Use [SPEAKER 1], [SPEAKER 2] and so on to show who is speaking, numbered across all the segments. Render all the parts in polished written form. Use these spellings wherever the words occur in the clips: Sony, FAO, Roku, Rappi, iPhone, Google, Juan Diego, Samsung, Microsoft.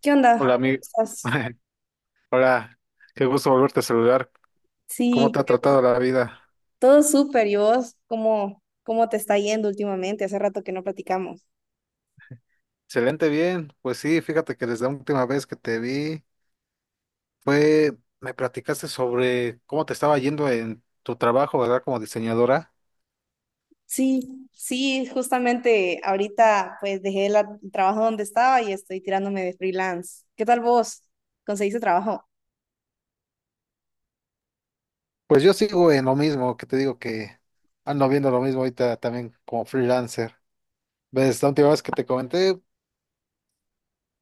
[SPEAKER 1] ¿Qué
[SPEAKER 2] Hola,
[SPEAKER 1] onda?
[SPEAKER 2] amigo.
[SPEAKER 1] ¿Estás?
[SPEAKER 2] Hola, qué gusto volverte a saludar. ¿Cómo te
[SPEAKER 1] Sí,
[SPEAKER 2] ha tratado la vida?
[SPEAKER 1] todo súper. ¿Y vos cómo, cómo te está yendo últimamente? Hace rato que no platicamos.
[SPEAKER 2] Excelente, bien. Pues sí, fíjate que desde la última vez que te vi fue, me platicaste sobre cómo te estaba yendo en tu trabajo, ¿verdad? Como diseñadora.
[SPEAKER 1] Sí, justamente ahorita pues dejé el trabajo donde estaba y estoy tirándome de freelance. ¿Qué tal vos? ¿Conseguiste trabajo?
[SPEAKER 2] Pues yo sigo en lo mismo, que te digo que ando viendo lo mismo ahorita también como freelancer. Ves, la última vez que te comenté,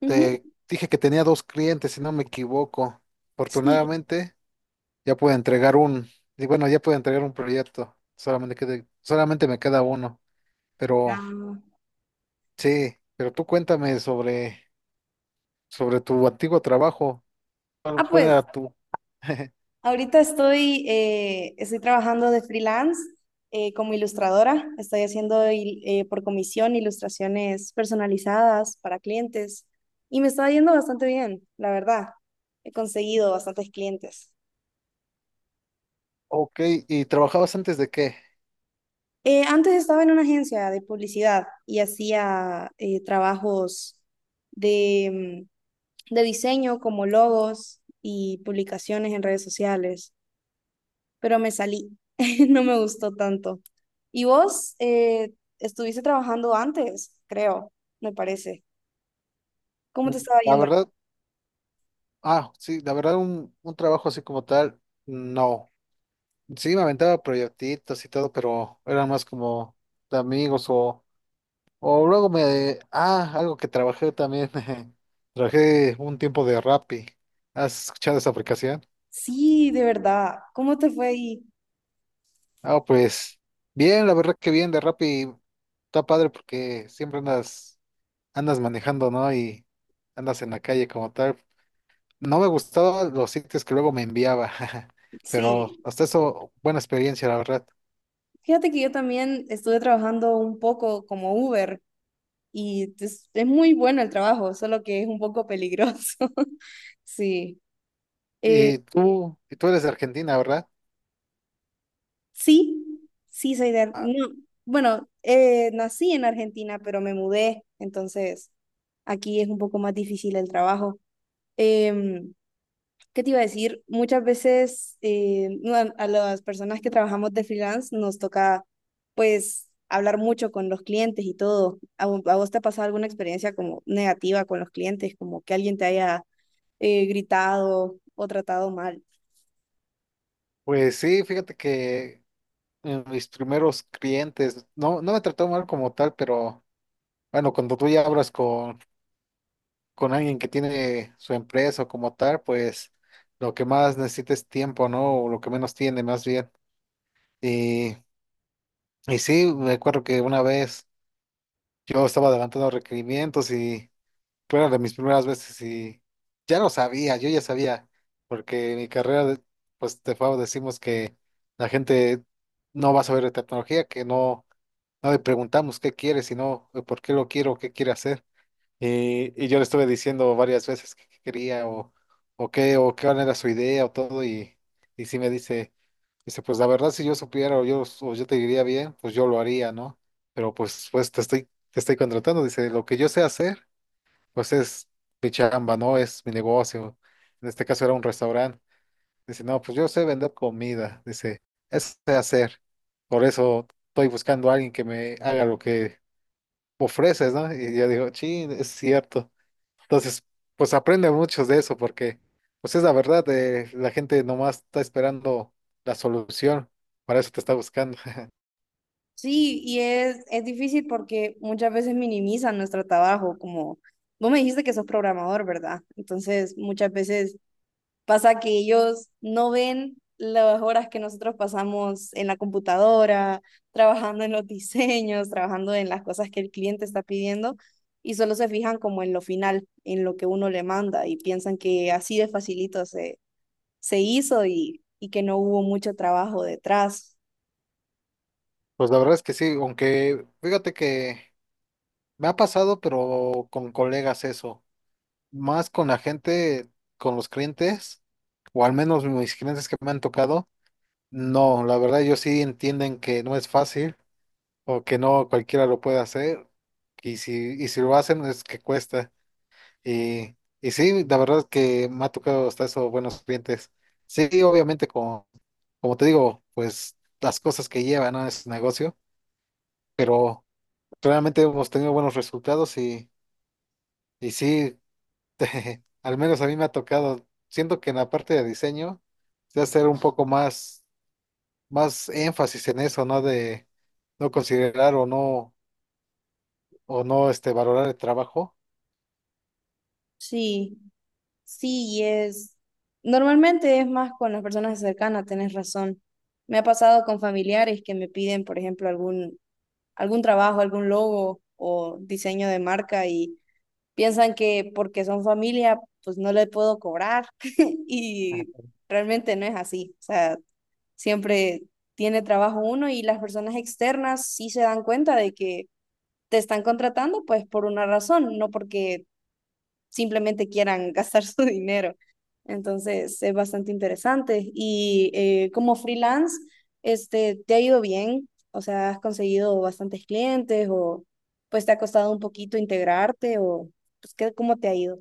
[SPEAKER 1] Ujú.
[SPEAKER 2] te dije que tenía dos clientes, si no me equivoco.
[SPEAKER 1] Sí.
[SPEAKER 2] Afortunadamente. Ya puedo entregar un, y bueno, ya puedo entregar un proyecto. Solamente me queda uno. Pero
[SPEAKER 1] Ah.
[SPEAKER 2] sí, pero tú cuéntame sobre tu antiguo trabajo.
[SPEAKER 1] Ah,
[SPEAKER 2] Cuál era
[SPEAKER 1] pues
[SPEAKER 2] tu?
[SPEAKER 1] ahorita estoy, estoy trabajando de freelance como ilustradora. Estoy haciendo por comisión ilustraciones personalizadas para clientes y me está yendo bastante bien, la verdad. He conseguido bastantes clientes.
[SPEAKER 2] Ok, ¿y trabajabas antes de qué?
[SPEAKER 1] Antes estaba en una agencia de publicidad y hacía trabajos de, de diseño como logos y publicaciones en redes sociales, pero me salí, no me gustó tanto. Y vos estuviste trabajando antes, creo, me parece. ¿Cómo te estaba
[SPEAKER 2] La
[SPEAKER 1] yendo?
[SPEAKER 2] verdad, sí, la verdad un trabajo así como tal, no. Sí, me aventaba proyectitos y todo, pero eran más como de amigos o luego me... Ah, algo que trabajé también. Trabajé un tiempo de Rappi. ¿Has escuchado esa aplicación?
[SPEAKER 1] Sí, de verdad. ¿Cómo te fue ahí?
[SPEAKER 2] Ah, pues bien, la verdad que bien de Rappi. Está padre porque andas manejando, ¿no? Y andas en la calle como tal. No me gustaban los sitios que luego me enviaba, pero
[SPEAKER 1] Sí.
[SPEAKER 2] hasta eso, buena experiencia, la verdad.
[SPEAKER 1] Fíjate que yo también estuve trabajando un poco como Uber y es muy bueno el trabajo, solo que es un poco peligroso. Sí. eh,
[SPEAKER 2] Y tú eres de Argentina, ¿verdad?
[SPEAKER 1] Sí, sí, soy de...
[SPEAKER 2] Ah,
[SPEAKER 1] No, bueno, nací en Argentina, pero me mudé, entonces aquí es un poco más difícil el trabajo. Em, ¿Qué te iba a decir? Muchas veces no, a las personas que trabajamos de freelance nos toca, pues, hablar mucho con los clientes y todo. ¿A, a vos te ha pasado alguna experiencia como negativa con los clientes, como que alguien te haya gritado o tratado mal?
[SPEAKER 2] pues sí, fíjate que en mis primeros clientes. No, no me trató mal como tal, pero bueno, cuando tú ya hablas con alguien que tiene su empresa o como tal, pues lo que más necesita es tiempo, ¿no? O lo que menos tiene, más bien. Y, y sí, me acuerdo que una vez yo estaba adelantando requerimientos y fueron de mis primeras veces y ya lo sabía, yo ya sabía, porque en mi pues de FAO decimos que la gente no va a saber de tecnología, que no. No le preguntamos qué quiere, sino por qué lo quiero, qué quiere hacer. Y yo le estuve diciendo varias veces qué quería o qué era su idea o todo. Y sí me dice, dice, pues la verdad, si yo supiera o yo te diría bien, pues yo lo haría, ¿no? Pero pues te estoy contratando. Dice, lo que yo sé hacer, pues es mi chamba, ¿no? Es mi negocio. En este caso era un restaurante. Dice, no, pues yo sé vender comida. Dice, eso sé hacer. Por eso estoy buscando a alguien que me haga lo que ofreces, ¿no? Y yo digo, sí, es cierto. Entonces, pues aprende mucho de eso porque, pues es la verdad, la gente nomás está esperando la solución, para eso te está buscando.
[SPEAKER 1] Sí, y es difícil porque muchas veces minimizan nuestro trabajo, como vos me dijiste que sos programador, ¿verdad? Entonces, muchas veces pasa que ellos no ven las horas que nosotros pasamos en la computadora, trabajando en los diseños, trabajando en las cosas que el cliente está pidiendo, y solo se fijan como en lo final, en lo que uno le manda, y piensan que así de facilito se hizo y que no hubo mucho trabajo detrás.
[SPEAKER 2] Pues la verdad es que sí, aunque fíjate que me ha pasado, pero con colegas eso, más con la gente, con los clientes, o al menos mis clientes que me han tocado, no, la verdad ellos sí entienden que no es fácil o que no cualquiera lo puede hacer. Y si, y si lo hacen es que cuesta. Y, y sí, la verdad es que me ha tocado hasta eso buenos clientes. Sí, obviamente, como te digo, pues las cosas que llevan a ese negocio, pero realmente hemos tenido buenos resultados y sí, al menos a mí me ha tocado, siento que en la parte de diseño, se hacer un poco más énfasis en eso, ¿no? De no considerar o no este, valorar el trabajo.
[SPEAKER 1] Sí. Sí, y es. Normalmente es más con las personas cercanas, tenés razón. Me ha pasado con familiares que me piden, por ejemplo, algún trabajo, algún logo o diseño de marca y piensan que porque son familia, pues no le puedo cobrar.
[SPEAKER 2] Ajá.
[SPEAKER 1] Y realmente no es así. O sea, siempre tiene trabajo uno y las personas externas sí se dan cuenta de que te están contratando, pues por una razón, no porque simplemente quieran gastar su dinero. Entonces, es bastante interesante. Y como freelance, este, ¿te ha ido bien? O sea, ¿has conseguido bastantes clientes o pues te ha costado un poquito integrarte o pues, ¿qué, cómo te ha ido?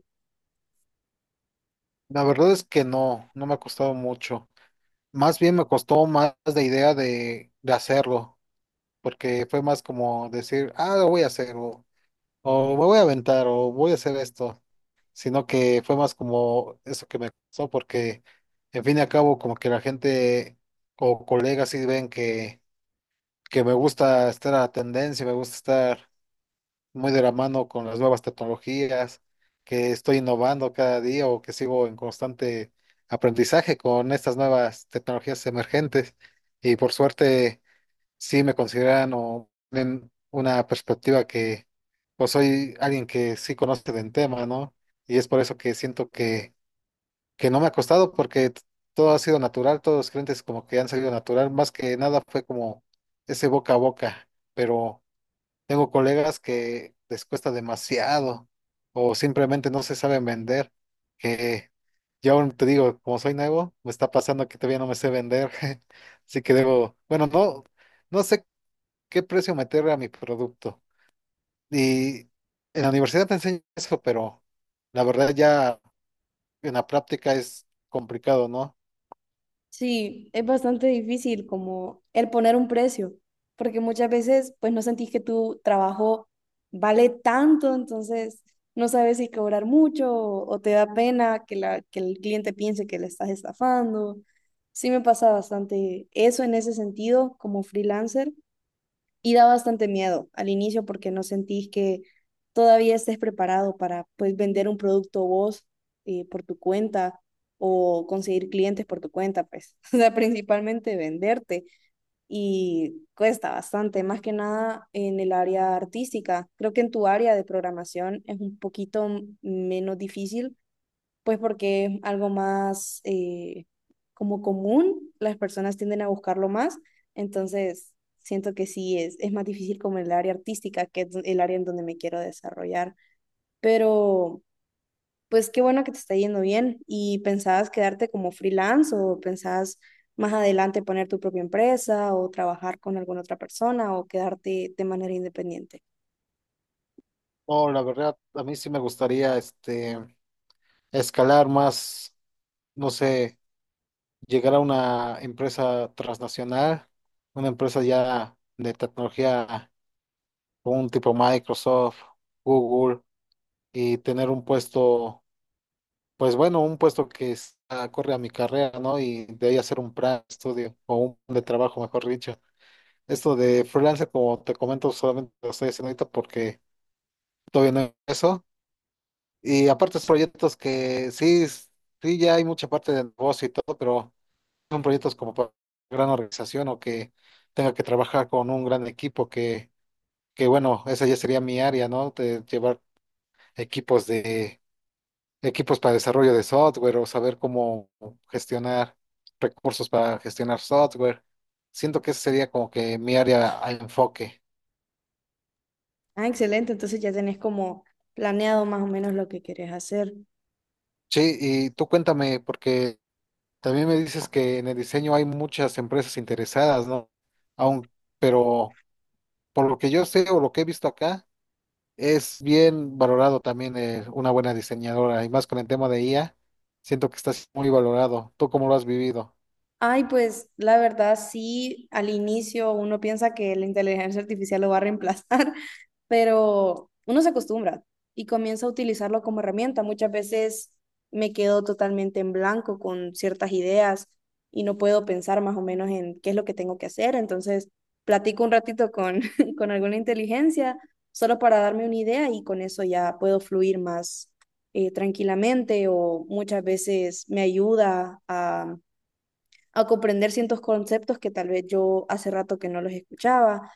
[SPEAKER 2] La verdad es que no, no me ha costado mucho. Más bien me costó más la idea de hacerlo, porque fue más como decir, ah, lo voy a hacer, o me voy a aventar, o voy a hacer esto, sino que fue más como eso que me costó, porque en fin y al cabo, como que la gente o colegas sí ven que me gusta estar a la tendencia, me gusta estar muy de la mano con las nuevas tecnologías, que estoy innovando cada día o que sigo en constante aprendizaje con estas nuevas tecnologías emergentes. Y por suerte, sí me consideran o ven una perspectiva que, pues soy alguien que sí conoce del tema, ¿no? Y es por eso que siento que no me ha costado porque todo ha sido natural, todos los clientes como que han salido natural, más que nada fue como ese boca a boca, pero... Tengo colegas que les cuesta demasiado o simplemente no se saben vender, que yo aún te digo, como soy nuevo, me está pasando que todavía no me sé vender, así que debo, bueno, no, no sé qué precio meterle a mi producto. Y en la universidad te enseñan eso, pero la verdad ya en la práctica es complicado, ¿no?
[SPEAKER 1] Sí, es bastante difícil como el poner un precio, porque muchas veces pues no sentís que tu trabajo vale tanto, entonces no sabes si cobrar mucho o te da pena que el cliente piense que le estás estafando. Sí me pasa bastante eso en ese sentido como freelancer, y da bastante miedo al inicio porque no sentís que todavía estés preparado para pues, vender un producto vos por tu cuenta o conseguir clientes por tu cuenta, pues, o sea, principalmente venderte y cuesta bastante, más que nada en el área artística. Creo que en tu área de programación es un poquito menos difícil pues porque es algo más como común, las personas tienden a buscarlo más, entonces siento que sí es más difícil como el área artística, que es el área en donde me quiero desarrollar, pero pues qué bueno que te está yendo bien y pensabas quedarte como freelance o pensabas más adelante poner tu propia empresa o trabajar con alguna otra persona o quedarte de manera independiente.
[SPEAKER 2] No, la verdad, a mí sí me gustaría este, escalar más, no sé. Llegar a una empresa transnacional, una empresa ya de tecnología, un tipo Microsoft, Google, y tener un puesto, pues bueno, un puesto corre a mi carrera, ¿no? Y de ahí hacer un plan de estudio o un plan de trabajo, mejor dicho. Esto de freelance, como te comento, solamente lo estoy haciendo ahorita porque todavía no he eso. Y aparte, es proyectos que sí, ya hay mucha parte de negocio y todo, pero. Son proyectos como para gran organización o que tenga que trabajar con un gran equipo que bueno, esa ya sería mi área, ¿no? De llevar equipos de equipos para desarrollo de software o saber cómo gestionar recursos para gestionar software. Siento que esa sería como que mi área a enfoque.
[SPEAKER 1] Ah, excelente. Entonces ya tenés como planeado más o menos lo que querés hacer.
[SPEAKER 2] Sí, y tú cuéntame, porque también me dices que en el diseño hay muchas empresas interesadas, ¿no? Aún, pero por lo que yo sé o lo que he visto acá, es bien valorado también una buena diseñadora y más con el tema de IA, siento que estás muy valorado. ¿Tú cómo lo has vivido?
[SPEAKER 1] Ay, pues la verdad sí, al inicio uno piensa que la inteligencia artificial lo va a reemplazar, pero uno se acostumbra y comienza a utilizarlo como herramienta. Muchas veces me quedo totalmente en blanco con ciertas ideas y no puedo pensar más o menos en qué es lo que tengo que hacer. Entonces, platico un ratito con, con alguna inteligencia solo para darme una idea y con eso ya puedo fluir más tranquilamente o muchas veces me ayuda a comprender ciertos conceptos que tal vez yo hace rato que no los escuchaba.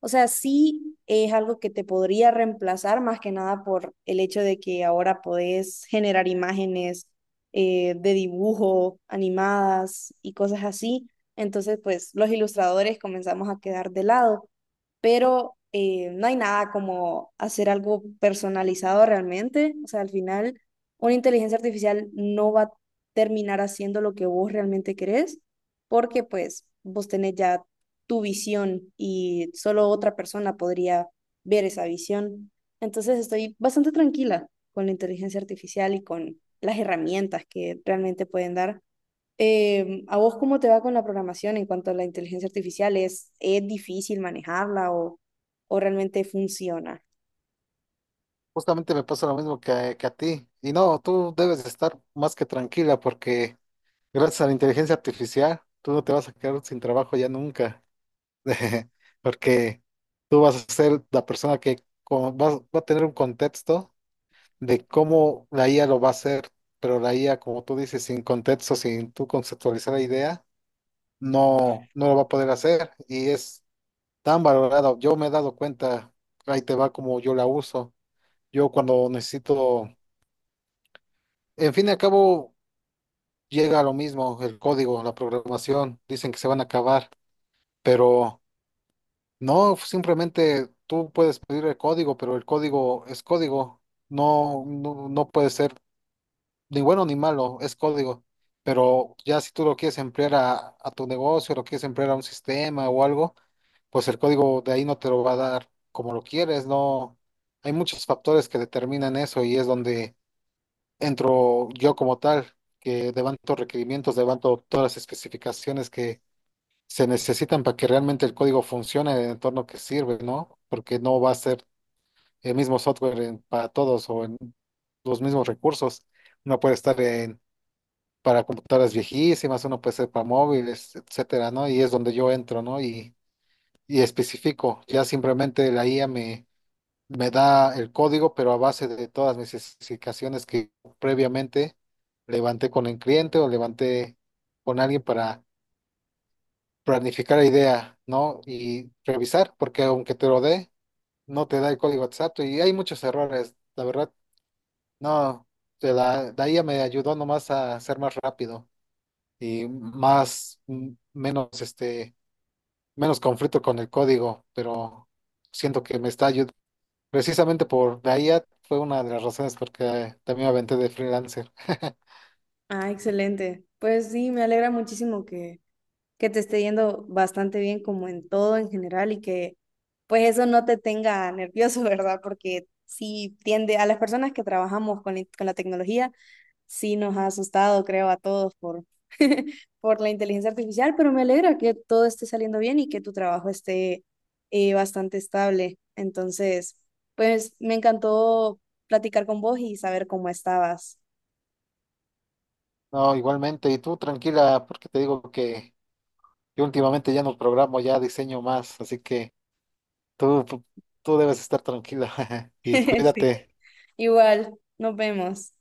[SPEAKER 1] O sea, sí es algo que te podría reemplazar más que nada por el hecho de que ahora podés generar imágenes de dibujo, animadas y cosas así. Entonces, pues los ilustradores comenzamos a quedar de lado, pero no hay nada como hacer algo personalizado realmente. O sea, al final, una inteligencia artificial no va a terminar haciendo lo que vos realmente querés, porque pues vos tenés ya tu visión y solo otra persona podría ver esa visión. Entonces estoy bastante tranquila con la inteligencia artificial y con las herramientas que realmente pueden dar. ¿A vos cómo te va con la programación en cuanto a la inteligencia artificial? Es difícil manejarla o realmente funciona?
[SPEAKER 2] Justamente me pasa lo mismo a que a ti. Y no, tú debes de estar más que tranquila porque gracias a la inteligencia artificial, tú no te vas a quedar sin trabajo ya nunca. Porque tú vas a ser la persona que va a tener un contexto de cómo la IA lo va a hacer, pero la IA, como tú dices, sin contexto, sin tú conceptualizar la idea no, no lo va a poder hacer y es tan valorado. Yo me he dado cuenta, ahí te va como yo la uso. Yo cuando necesito, en fin y al cabo, llega a lo mismo, el código, la programación, dicen que se van a acabar, pero no, simplemente tú puedes pedir el código, pero el código es código, no puede ser ni bueno ni malo, es código. Pero ya si tú lo quieres emplear a tu negocio, lo quieres emplear a un sistema o algo, pues el código de ahí no te lo va a dar como lo quieres, no. Hay muchos factores que determinan eso y es donde entro yo como tal, que levanto requerimientos, levanto todas las especificaciones que se necesitan para que realmente el código funcione en el entorno que sirve, ¿no? Porque no va a ser el mismo para todos o en los mismos recursos. Uno puede estar en, para computadoras viejísimas, uno puede ser para móviles, etcétera, ¿no? Y es donde yo entro, ¿no? Y especifico. Ya simplemente me da el código, pero a base de todas mis especificaciones que previamente levanté con el cliente o levanté con alguien para planificar la idea, ¿no? Y revisar, porque aunque te lo dé, no te da el código exacto y hay muchos errores, la verdad. No, la IA me ayudó nomás a ser más rápido y más, menos, menos conflicto con el código, pero siento que me está ayudando. Precisamente por la IA fue una de las razones porque también me aventé de freelancer.
[SPEAKER 1] Ah, excelente. Pues sí, me alegra muchísimo que te esté yendo bastante bien como en todo en general y que pues eso no te tenga nervioso, ¿verdad? Porque sí tiende a las personas que trabajamos con la tecnología, sí nos ha asustado, creo, a todos por, por la inteligencia artificial, pero me alegra que todo esté saliendo bien y que tu trabajo esté bastante estable. Entonces, pues me encantó platicar con vos y saber cómo estabas.
[SPEAKER 2] No, igualmente, y tú tranquila, porque te digo que yo últimamente ya no programo, ya diseño más, así que tú, tú, tú debes estar tranquila y
[SPEAKER 1] Sí.
[SPEAKER 2] cuídate.
[SPEAKER 1] Igual, nos vemos.